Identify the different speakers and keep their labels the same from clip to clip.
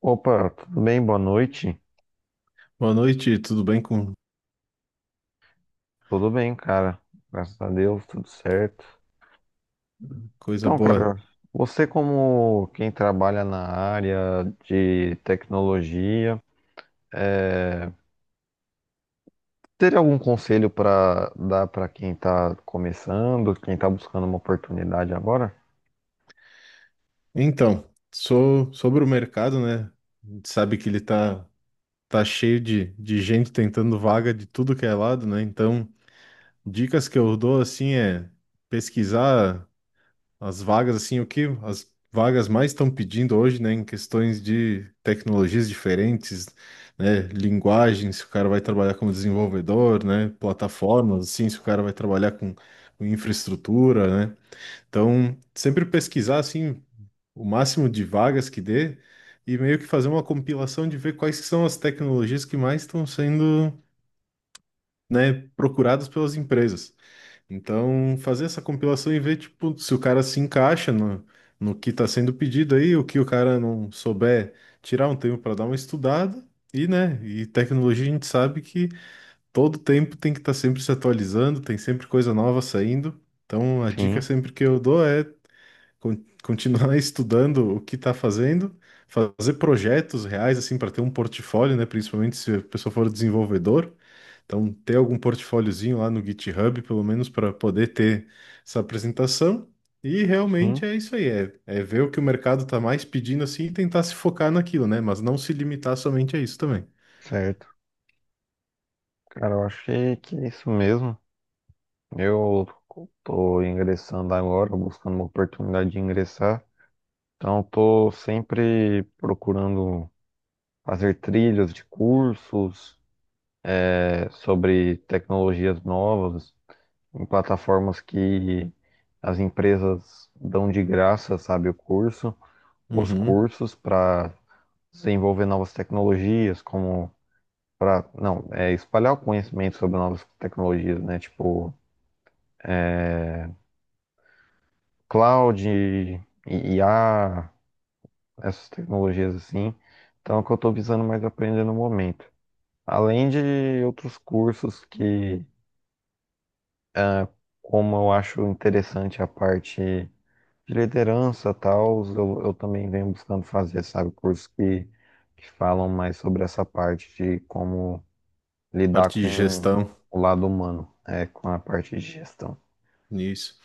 Speaker 1: Opa, tudo bem? Boa noite.
Speaker 2: Boa noite, tudo bem com
Speaker 1: Tudo bem, cara. Graças a Deus, tudo certo.
Speaker 2: coisa
Speaker 1: Então,
Speaker 2: boa?
Speaker 1: cara, você como quem trabalha na área de tecnologia, é, teria algum conselho para dar para quem está começando, quem está buscando uma oportunidade agora?
Speaker 2: Então, sobre o mercado, né? A gente sabe que ele tá cheio de gente tentando vaga de tudo que é lado, né? Então, dicas que eu dou assim é pesquisar as vagas, assim, o que as vagas mais estão pedindo hoje, né? Em questões de tecnologias diferentes, né? Linguagens, se o cara vai trabalhar como desenvolvedor, né? Plataformas, assim, se o cara vai trabalhar com infraestrutura, né? Então, sempre pesquisar assim o máximo de vagas que dê e meio que fazer uma compilação de ver quais que são as tecnologias que mais estão sendo, né, procuradas pelas empresas. Então, fazer essa compilação e ver tipo se o cara se encaixa no que está sendo pedido aí, o que o cara não souber, tirar um tempo para dar uma estudada. E, né, e tecnologia a gente sabe que todo tempo tem que estar sempre se atualizando, tem sempre coisa nova saindo. Então, a dica
Speaker 1: Sim,
Speaker 2: sempre que eu dou é continuar estudando o que está fazendo, fazer projetos reais assim para ter um portfólio, né? Principalmente se a pessoa for desenvolvedor, então ter algum portfóliozinho lá no GitHub, pelo menos para poder ter essa apresentação. E
Speaker 1: sim,
Speaker 2: realmente é isso aí, é ver o que o mercado está mais pedindo assim e tentar se focar naquilo, né? Mas não se limitar somente a isso também.
Speaker 1: certo. Cara, eu achei que é isso mesmo. Eu tô ingressando agora, buscando uma oportunidade de ingressar. Então, estou sempre procurando fazer trilhas de cursos sobre tecnologias novas em plataformas que as empresas dão de graça, sabe, o curso, os
Speaker 2: Uhum.
Speaker 1: cursos para desenvolver novas tecnologias, como para, não, é espalhar o conhecimento sobre novas tecnologias, né? Tipo, cloud, IA, essas tecnologias assim. Então, é o que eu estou visando mais aprender no momento. Além de outros cursos que, como eu acho interessante a parte de liderança tal, eu também venho buscando fazer, sabe, cursos que falam mais sobre essa parte de como
Speaker 2: Parte
Speaker 1: lidar
Speaker 2: de
Speaker 1: com
Speaker 2: gestão,
Speaker 1: o lado humano, é, com a parte de gestão.
Speaker 2: isso.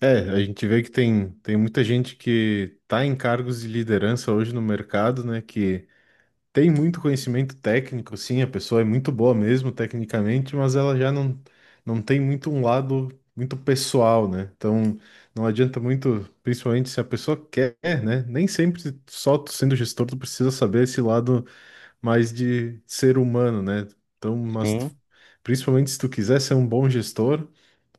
Speaker 2: É, a gente vê que tem muita gente que está em cargos de liderança hoje no mercado, né? Que tem muito conhecimento técnico, sim, a pessoa é muito boa mesmo tecnicamente, mas ela já não, não tem muito um lado muito pessoal, né? Então não adianta muito, principalmente se a pessoa quer, né? Nem sempre só tu sendo gestor tu precisa saber esse lado mais de ser humano, né? Então, mas
Speaker 1: Sim,
Speaker 2: principalmente se tu quiser ser um bom gestor,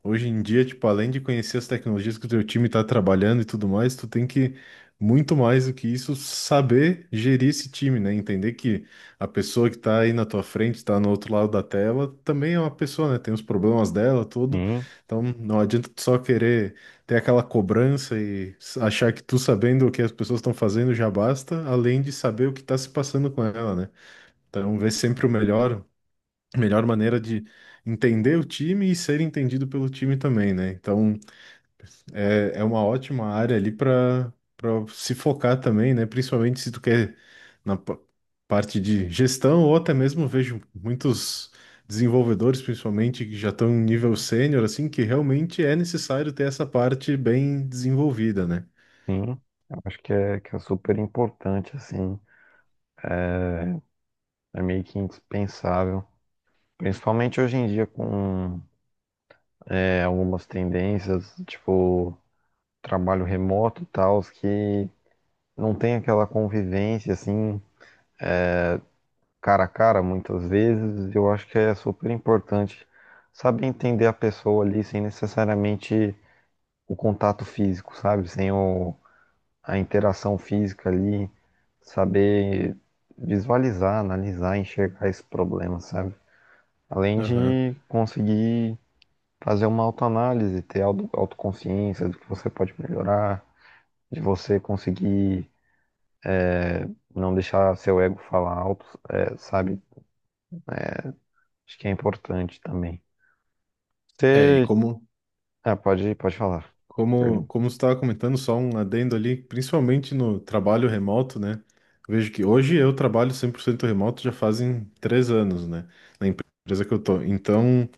Speaker 2: hoje em dia, tipo, além de conhecer as tecnologias que o teu time está trabalhando e tudo mais, tu tem que, muito mais do que isso, saber gerir esse time, né? Entender que a pessoa que está aí na tua frente, está no outro lado da tela, também é uma pessoa, né? Tem os problemas dela, tudo.
Speaker 1: sim,
Speaker 2: Então, não adianta tu só querer ter aquela cobrança e achar que tu sabendo o que as pessoas estão fazendo já basta, além de saber o que está se passando com ela, né? Então, ver sempre melhor maneira de entender o time e ser entendido pelo time também, né? Então, é, é uma ótima área ali para se focar também, né? Principalmente se tu quer na pa- parte de gestão ou até mesmo vejo muitos desenvolvedores, principalmente que já estão em nível sênior, assim, que realmente é necessário ter essa parte bem desenvolvida, né?
Speaker 1: sim. Eu acho que é super importante, assim, é meio que indispensável. Principalmente hoje em dia com algumas tendências, tipo trabalho remoto e tal, que não tem aquela convivência assim, cara a cara, muitas vezes. Eu acho que é super importante saber entender a pessoa ali sem necessariamente o contato físico, sabe? Sem a interação física ali, saber visualizar, analisar, enxergar esse problema, sabe? Além
Speaker 2: Aham.
Speaker 1: de conseguir fazer uma autoanálise, ter autoconsciência do que você pode melhorar, de você conseguir não deixar seu ego falar alto, é, sabe? Acho que é importante também.
Speaker 2: É, e
Speaker 1: Você.
Speaker 2: como
Speaker 1: Ah, pode falar.
Speaker 2: Como,
Speaker 1: Perdão.
Speaker 2: como você estava comentando, só um adendo ali, principalmente no trabalho remoto, né? Vejo que hoje eu trabalho 100% remoto já fazem 3 anos, né? Na empresa que eu tô. Então,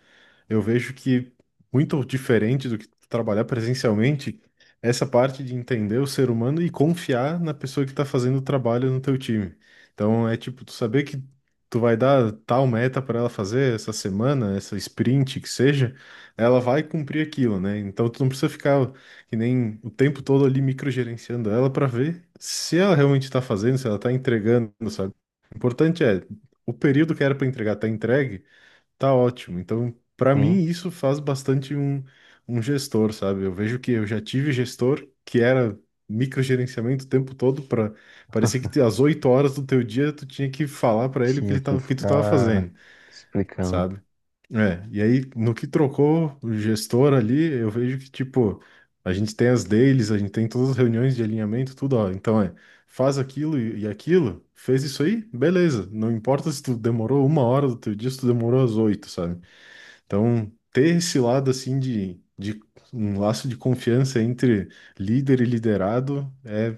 Speaker 2: eu vejo que muito diferente do que trabalhar presencialmente, essa parte de entender o ser humano e confiar na pessoa que está fazendo o trabalho no teu time. Então é tipo, tu saber que tu vai dar tal meta para ela fazer essa semana, essa sprint que seja, ela vai cumprir aquilo, né? Então tu não precisa ficar que nem o tempo todo ali microgerenciando ela para ver se ela realmente está fazendo, se ela está entregando, sabe? O importante é o período que era para entregar tá entregue. Tá ótimo. Então, para
Speaker 1: Sim,
Speaker 2: mim, isso faz bastante um gestor, sabe? Eu vejo que eu já tive gestor que era microgerenciamento o tempo todo, para parecia que às 8 horas do teu dia tu tinha que falar para ele o que
Speaker 1: tinha
Speaker 2: ele
Speaker 1: que
Speaker 2: tava, o que tu tava
Speaker 1: ficar
Speaker 2: fazendo,
Speaker 1: explicando.
Speaker 2: sabe? É, e aí no que trocou o gestor ali, eu vejo que tipo, a gente tem as dailies, a gente tem todas as reuniões de alinhamento, tudo, ó. Então é, faz aquilo e aquilo, fez isso aí, beleza. Não importa se tu demorou uma hora do teu dia, se tu demorou às 8, sabe? Então, ter esse lado assim de um laço de confiança entre líder e liderado é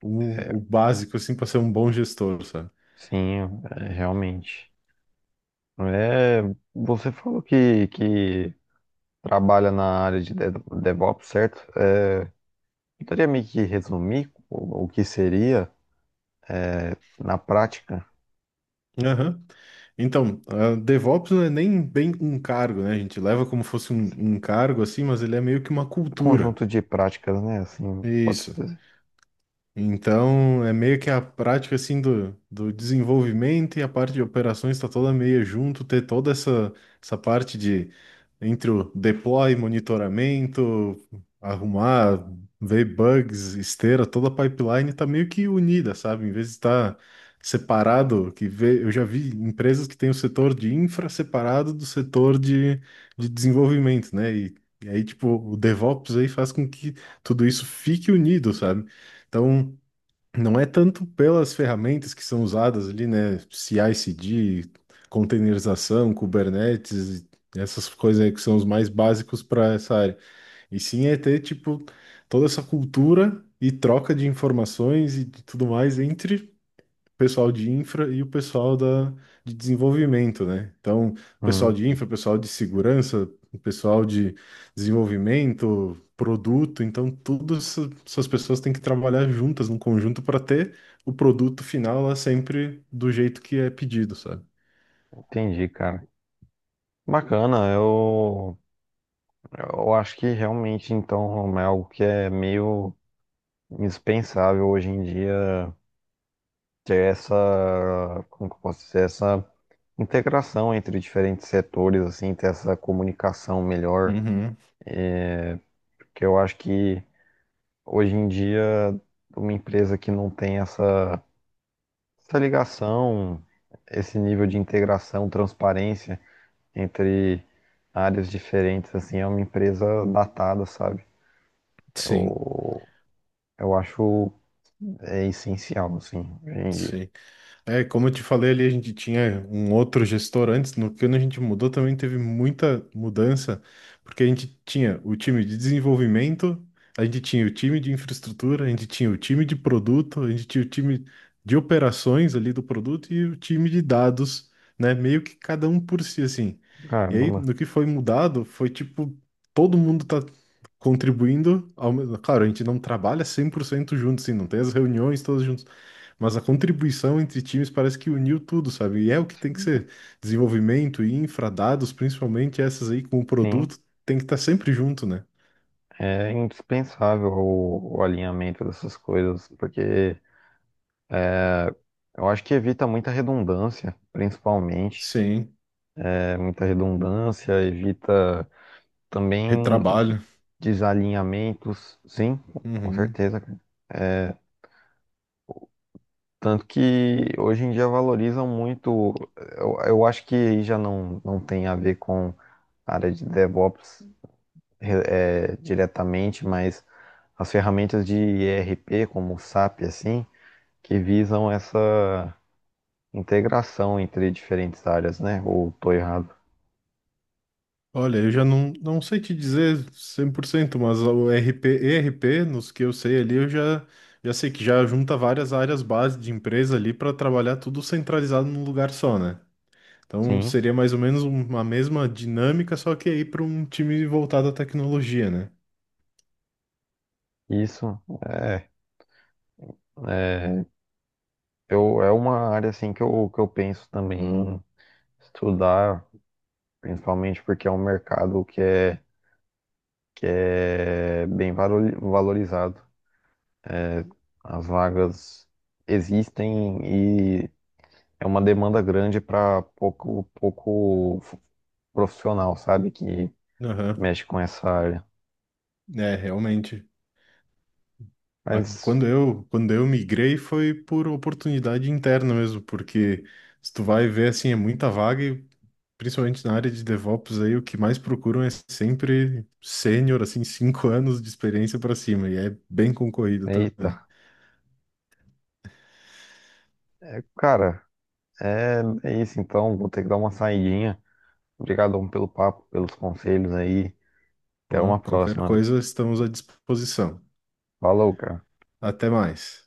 Speaker 2: o básico assim para ser um bom gestor, sabe?
Speaker 1: Sim, é, realmente. É, você falou que trabalha na área de DevOps, certo? É, poderia meio que resumir o que seria, na prática,
Speaker 2: Aham. Então, a DevOps não é nem bem um cargo, né? A gente leva como fosse um cargo assim, mas ele é meio que uma
Speaker 1: um
Speaker 2: cultura.
Speaker 1: conjunto de práticas, né? Assim, pode-se
Speaker 2: Isso.
Speaker 1: dizer.
Speaker 2: Então, é meio que a prática assim do desenvolvimento e a parte de operações está toda meio junto, ter toda essa parte de entre o deploy, monitoramento, arrumar, ver bugs, esteira, toda a pipeline está meio que unida, sabe? Em vez de estar separado, que vê, eu já vi empresas que têm o setor de infra separado do setor de desenvolvimento, né? E aí, tipo, o DevOps aí faz com que tudo isso fique unido, sabe? Então, não é tanto pelas ferramentas que são usadas ali, né? CI/CD, containerização, Kubernetes, essas coisas aí que são os mais básicos para essa área. E sim é ter, tipo, toda essa cultura e troca de informações e de tudo mais entre pessoal de infra e o pessoal de desenvolvimento, né? Então, pessoal
Speaker 1: Hum,
Speaker 2: de infra, pessoal de segurança, pessoal de desenvolvimento, produto, então essas pessoas têm que trabalhar juntas num conjunto para ter o produto final lá sempre do jeito que é pedido, sabe?
Speaker 1: entendi, cara. Bacana, eu acho que realmente, então, é algo que é meio indispensável hoje em dia ter essa, como que eu posso dizer, essa integração entre diferentes setores, assim, ter essa comunicação melhor,
Speaker 2: Uhum.
Speaker 1: porque eu acho que hoje em dia uma empresa que não tem essa, essa ligação, esse nível de integração, transparência entre áreas diferentes, assim, é uma empresa datada, sabe?
Speaker 2: Sim,
Speaker 1: Eu, eu acho é essencial, assim, hoje em dia.
Speaker 2: sim. É, como eu te falei ali, a gente tinha um outro gestor antes, no que a gente mudou também teve muita mudança, porque a gente tinha o time de desenvolvimento, a gente tinha o time de infraestrutura, a gente tinha o time de produto, a gente tinha o time de operações ali do produto e o time de dados, né? Meio que cada um por si, assim. E aí,
Speaker 1: Caramba,
Speaker 2: no que foi mudado, foi tipo, todo mundo tá contribuindo, ao mesmo... claro, a gente não trabalha 100% junto, assim, não tem as reuniões todas juntas, mas a contribuição entre times parece que uniu tudo, sabe? E é o que tem que ser. Desenvolvimento e infra, dados, principalmente essas aí com o
Speaker 1: sim.
Speaker 2: produto, tem que estar sempre junto, né?
Speaker 1: É indispensável o alinhamento dessas coisas, porque eu acho que evita muita redundância, principalmente.
Speaker 2: Sim,
Speaker 1: É, muita redundância, evita também
Speaker 2: retrabalho.
Speaker 1: desalinhamentos, sim, com
Speaker 2: Uhum.
Speaker 1: certeza, cara. Tanto que hoje em dia valorizam muito, eu acho que aí já não tem a ver com a área de DevOps diretamente, mas as ferramentas de ERP, como o SAP, assim, que visam essa integração entre diferentes áreas, né? Ou tô errado?
Speaker 2: Olha, eu já não, não sei te dizer 100%, mas o RP, ERP, nos que eu sei ali, já sei que já junta várias áreas base de empresa ali para trabalhar tudo centralizado num lugar só, né? Então
Speaker 1: Sim.
Speaker 2: seria mais ou menos uma mesma dinâmica, só que aí para um time voltado à tecnologia, né?
Speaker 1: Isso é, é, é uma área assim que eu penso também em estudar, principalmente porque é um mercado que é bem valorizado. As vagas existem e é uma demanda grande para pouco, pouco profissional, sabe, que mexe com essa área.
Speaker 2: É, realmente. Ah,
Speaker 1: Mas,
Speaker 2: quando eu migrei foi por oportunidade interna mesmo, porque se tu vai ver, assim, é muita vaga e principalmente na área de DevOps aí, o que mais procuram é sempre sênior, assim, 5 anos de experiência para cima, e é bem concorrido
Speaker 1: eita,
Speaker 2: também.
Speaker 1: é, cara, é, é isso então, vou ter que dar uma saidinha. Obrigadão pelo papo, pelos conselhos aí. Até
Speaker 2: Pô,
Speaker 1: uma
Speaker 2: qualquer
Speaker 1: próxima.
Speaker 2: coisa, estamos à disposição.
Speaker 1: Falou, cara.
Speaker 2: Até mais.